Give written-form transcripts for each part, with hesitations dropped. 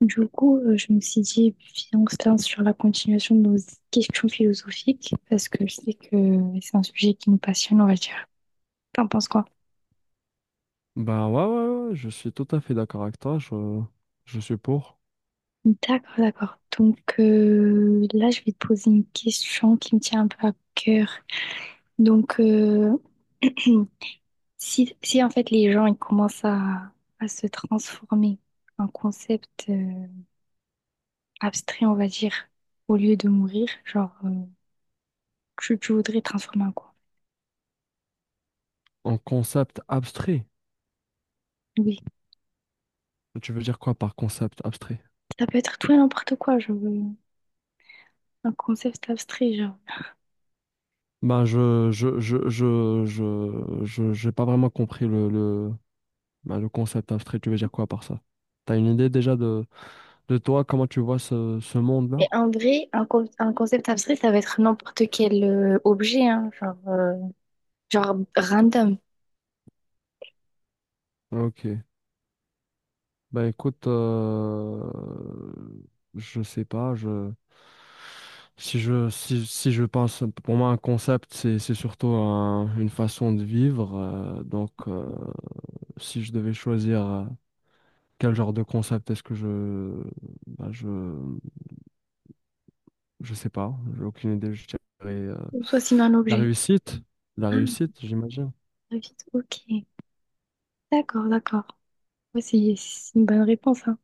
Je me suis dit, viens, on se lance sur la continuation de nos questions philosophiques, parce que je sais que c'est un sujet qui nous passionne, on va dire. T'en penses quoi? Ben ouais, ouais, ouais, je suis tout à fait d'accord avec toi. Je suis pour. D'accord, d'accord. Là, je vais te poser une question qui me tient un peu à cœur. Donc, euh, si en fait les gens ils commencent à se transformer en concept abstrait, on va dire, au lieu de mourir, genre, tu voudrais transformer en quoi? En concept abstrait. Oui, Tu veux dire quoi par concept abstrait? ça peut être tout et n'importe quoi, je veux. Un concept abstrait, genre. Ben, j'ai pas vraiment compris le, ben, le concept abstrait. Tu veux dire quoi par ça? T'as une idée déjà de toi comment tu vois ce Et monde-là? en vrai, un concept abstrait, ça va être n'importe quel objet, hein, genre, genre random. Ok. Bah écoute, je sais pas, je si je pense pour moi un concept c'est surtout une façon de vivre donc si je devais choisir quel genre de concept est-ce que je bah, je sais pas, j'ai aucune idée, je dirais, euh, Ou soit sinon un la objet. réussite, la Ah, réussite, j'imagine. très vite, ok. D'accord, d'accord. Ouais, c'est une bonne réponse, hein.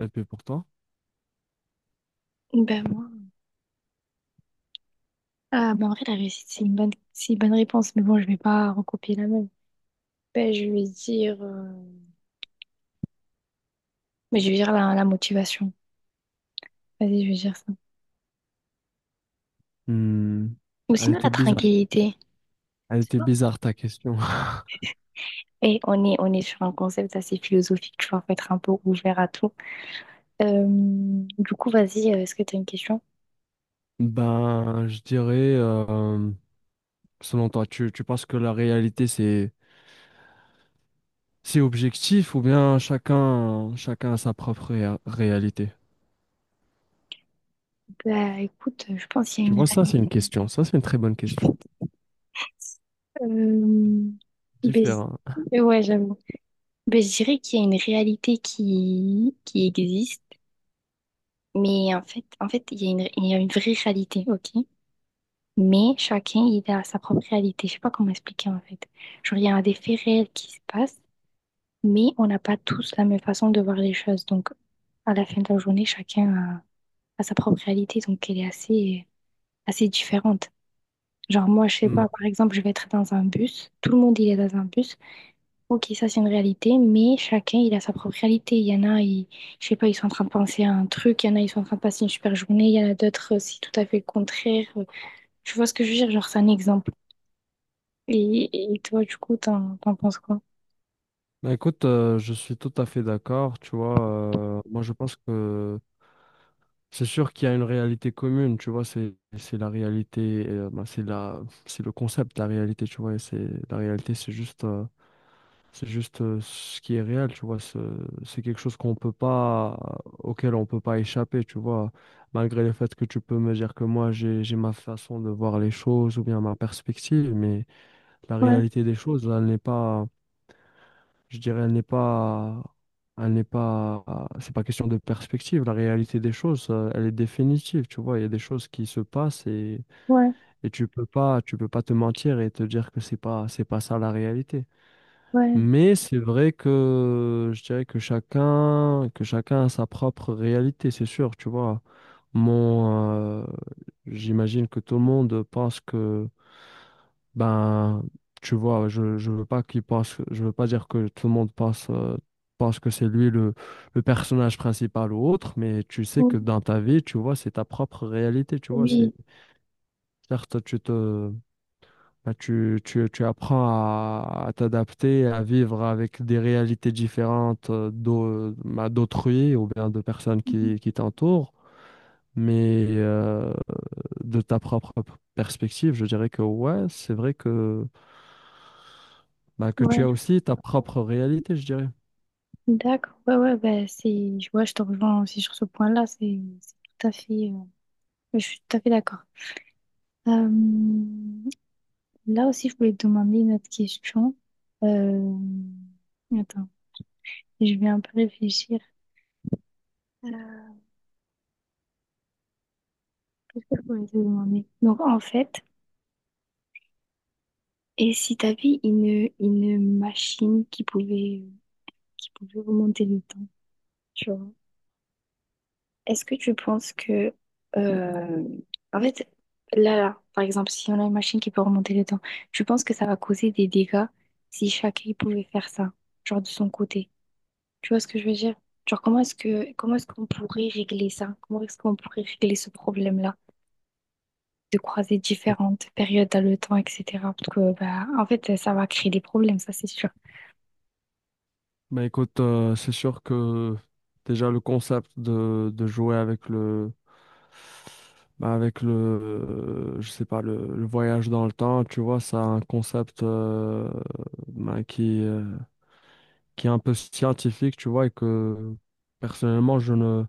Et puis pour toi? Ben moi. Ah, ben en vrai, la réussite, c'est une bonne réponse, mais bon, je vais pas recopier la même. Ben, je vais dire, mais je vais dire la motivation. Vas-y, je vais dire ça. Hmm, Ou elle sinon était la bizarre. tranquillité. Elle était bizarre ta question. On est sur un concept assez philosophique, tu vois, faut être un peu ouvert à tout. Du coup, vas-y, est-ce que tu as une question? Ben, je dirais, selon toi, tu penses que la réalité, c'est objectif ou bien chacun, chacun a sa propre réalité? Bah, écoute, je pense qu'il y a Tu vois, ça, c'est une une question. Ça, c'est une très bonne question. réalité. Différent. Ouais, j'avoue. Ben, je dirais qu'il y a une réalité qui existe, mais en fait, il y a il y a une vraie réalité, ok? Mais chacun, il a sa propre réalité. Je sais pas comment expliquer, en fait. Genre, il y a des faits réels qui se passent, mais on n'a pas tous la même façon de voir les choses. Donc, à la fin de la journée, a sa propre réalité, donc elle est assez différente. Genre, moi, je sais pas, Ouais. par exemple, je vais être dans un bus. Tout le monde, il est dans un bus. Ok, ça, c'est une réalité, mais chacun, il a sa propre réalité. Il y en a, ils, je sais pas, ils sont en train de penser à un truc. Il y en a, ils sont en train de passer une super journée. Il y en a d'autres, c'est tout à fait le contraire. Tu vois ce que je veux dire? Genre, c'est un exemple. Et, et toi, du coup, t'en penses quoi? Ben, écoute, je suis tout à fait d'accord. Tu vois, moi, je pense que c'est sûr qu'il y a une réalité commune, tu vois, c'est la réalité, ben, c'est la, c'est le concept, la réalité, tu vois, et c'est la réalité, c'est juste ce qui est réel, tu vois, c'est quelque chose qu'on peut pas, auquel on peut pas échapper, tu vois, malgré le fait que tu peux me dire que moi j'ai ma façon de voir les choses ou bien ma perspective, mais la Ouais, réalité des choses, elle n'est pas, je dirais, elle n'est pas, c'est pas question de perspective. La réalité des choses, elle est définitive, tu vois. Il y a des choses qui se passent ouais, et tu peux pas te mentir et te dire que c'est pas ça la réalité. ouais. Mais c'est vrai que je dirais que chacun a sa propre réalité, c'est sûr, tu vois. Mon, j'imagine que tout le monde pense que ben, tu vois, je veux pas qu'il pense, je veux pas dire que tout le monde pense, pense que c'est lui le personnage principal ou autre, mais tu sais Oui, que dans ta vie, tu vois, c'est ta propre réalité, tu vois, oui, c'est, certes, ben, tu apprends à t'adapter, à vivre avec des réalités différentes ben, d'autrui ou bien de personnes mhm. Qui t'entourent, mais de ta propre perspective, je dirais que ouais, c'est vrai que bah, que tu as Ouais, aussi ta propre réalité, je dirais. d'accord. Ouais, ouais, bah, c'est, je vois, je te rejoins aussi sur ce point-là. C'est tout à fait, je suis tout à fait d'accord. Euh, là aussi, je voulais te demander une autre question. Euh, Attends, je vais un peu réfléchir. Euh, Qu'est-ce que je voulais te demander? Donc, en fait, et si t'avais une machine qui pouvait remonter le temps, tu vois, est-ce que tu penses que... euh, en fait, là, par exemple, si on a une machine qui peut remonter le temps, tu penses que ça va causer des dégâts si chacun pouvait faire ça, genre de son côté? Tu vois ce que je veux dire? Genre, comment est-ce qu'on pourrait régler ça? Comment est-ce qu'on pourrait régler ce problème-là? De croiser différentes périodes dans le temps, etc. Parce que, bah, en fait, ça va créer des problèmes, ça, c'est sûr. Bah écoute, c'est sûr que déjà le concept de jouer avec le bah, avec le je sais pas le, le voyage dans le temps, tu vois, ça a un concept bah, qui est un peu scientifique, tu vois, et que personnellement je ne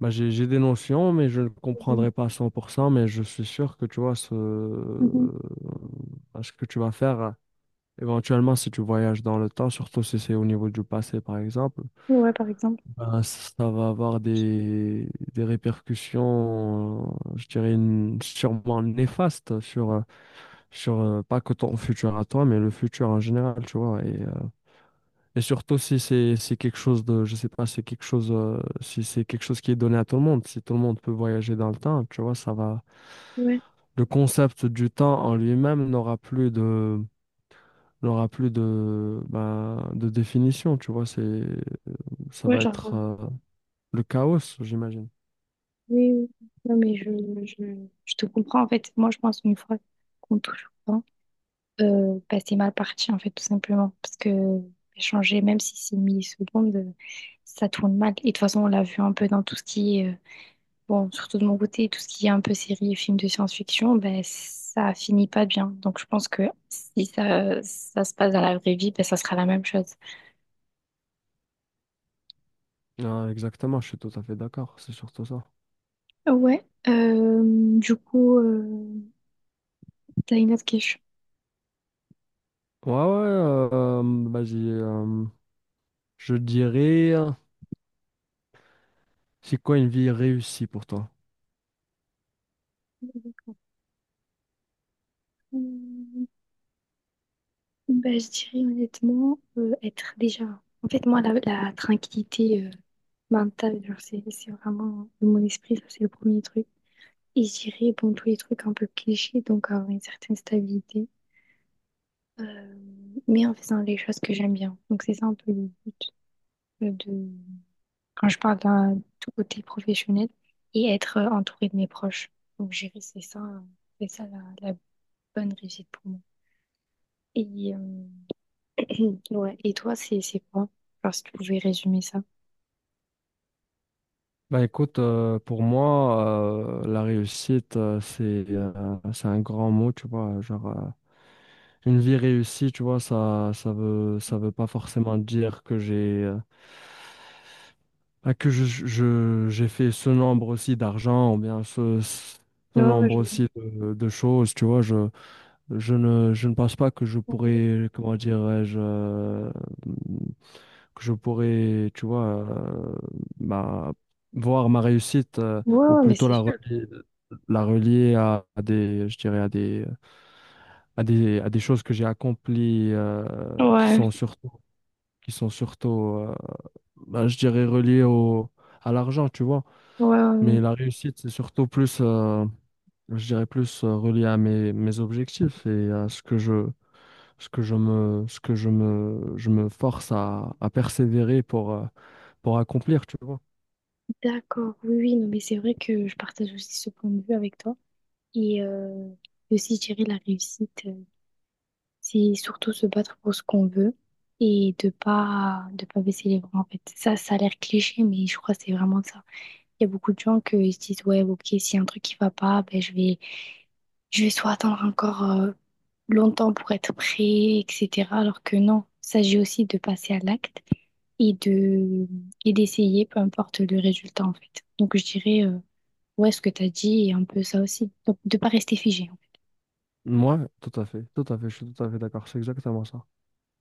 bah, j'ai des notions, mais je ne Mhm. comprendrai pas à 100%, mais je suis sûr que tu vois ce Mhm. bah, ce que tu vas faire. Éventuellement, si tu voyages dans le temps, surtout si c'est au niveau du passé, par exemple, Ouais, par exemple. ben, ça va avoir des répercussions, je dirais, sûrement néfastes sur, sur pas que ton futur à toi, mais le futur en général, tu vois. Et surtout si c'est quelque chose de, je sais pas, c'est quelque chose, si c'est quelque chose qui est donné à tout le monde, si tout le monde peut voyager dans le temps, tu vois, ça va. Ouais, Le concept du temps en lui-même n'aura plus de, il aura plus de, ben, de définition, tu vois, c'est, ça ouais, va genre, être comprends. Le chaos, j'imagine. Oui, oui. Non, mais je te comprends. En fait, moi, je pense qu'une fois qu'on touche au temps, bah, c'est mal parti, en fait, tout simplement. Parce que changer, même si c'est millisecondes, ça tourne mal. Et de toute façon, on l'a vu un peu dans tout ce qui est bon, surtout de mon côté, tout ce qui est un peu série et films de science-fiction, ben, ça finit pas bien. Donc, je pense que si ça se passe dans la vraie vie, ben, ça sera la même chose. Ah, exactement, je suis tout à fait d'accord, c'est surtout ça. Ouais, du coup, t'as une autre question. Ouais, ouais, vas-y, je dirais, c'est quoi une vie réussie pour toi? Ben, je dirais honnêtement, être déjà. En fait, moi, la tranquillité mentale, genre, c'est vraiment mon esprit, ça, c'est le premier truc. Et je dirais, bon, tous les trucs un peu clichés, donc avoir une certaine stabilité. Euh, mais en faisant les choses que j'aime bien. Donc c'est ça un peu le but de quand je parle d'un tout côté professionnel et être entourée de mes proches. Donc gérer, c'est ça la bonne réussite pour moi. Et ouais. Et toi, c'est quoi? Genre si tu pouvais résumer ça. Bah écoute, pour moi, la réussite, c'est un grand mot, tu vois. Genre, une vie réussie, tu vois, ça veut pas forcément dire que j'ai ah, que j'ai fait ce nombre aussi d'argent, ou bien ce, ce Ouais, ouais, nombre je aussi de choses, tu vois, je, je ne pense pas que je vois. pourrais, comment dirais-je, que je pourrais, tu vois, bah, voir ma réussite, Ouais, ou ouais, mais plutôt c'est sûr. La relier à des, je dirais, à des, à des, à des choses que j'ai accomplies, qui Ouais, sont surtout, qui sont surtout, euh, bah, je dirais, reliées au, à l'argent, tu vois. ouais, ouais, Mais ouais. la réussite, c'est surtout plus, je dirais plus relié à mes, mes objectifs et à ce que je, ce que je me force à persévérer pour accomplir, tu vois. D'accord, oui, oui, non, mais c'est vrai que je partage aussi ce point de vue avec toi. Et aussi gérer la réussite. Euh, c'est surtout se battre pour ce qu'on veut et de pas baisser les bras en fait. Ça a l'air cliché, mais je crois que c'est vraiment ça. Il y a beaucoup de gens qui se disent ouais, ok, s'il y a un truc qui va pas, ben je vais soit attendre encore longtemps pour être prêt, etc. Alors que non, il s'agit aussi de passer à l'acte et de et d'essayer, peu importe le résultat en fait. Donc je dirais ouais, ce que tu as dit est un peu ça aussi. Donc de pas rester figé. Moi, tout à fait, je suis tout à fait d'accord, c'est exactement ça.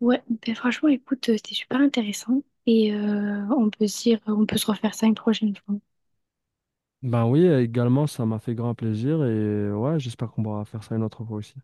Ouais, ben franchement, écoute, c'était super intéressant et on peut se dire, on peut se refaire ça une prochaine fois. Ben oui, également, ça m'a fait grand plaisir et ouais, j'espère qu'on pourra faire ça une autre fois aussi.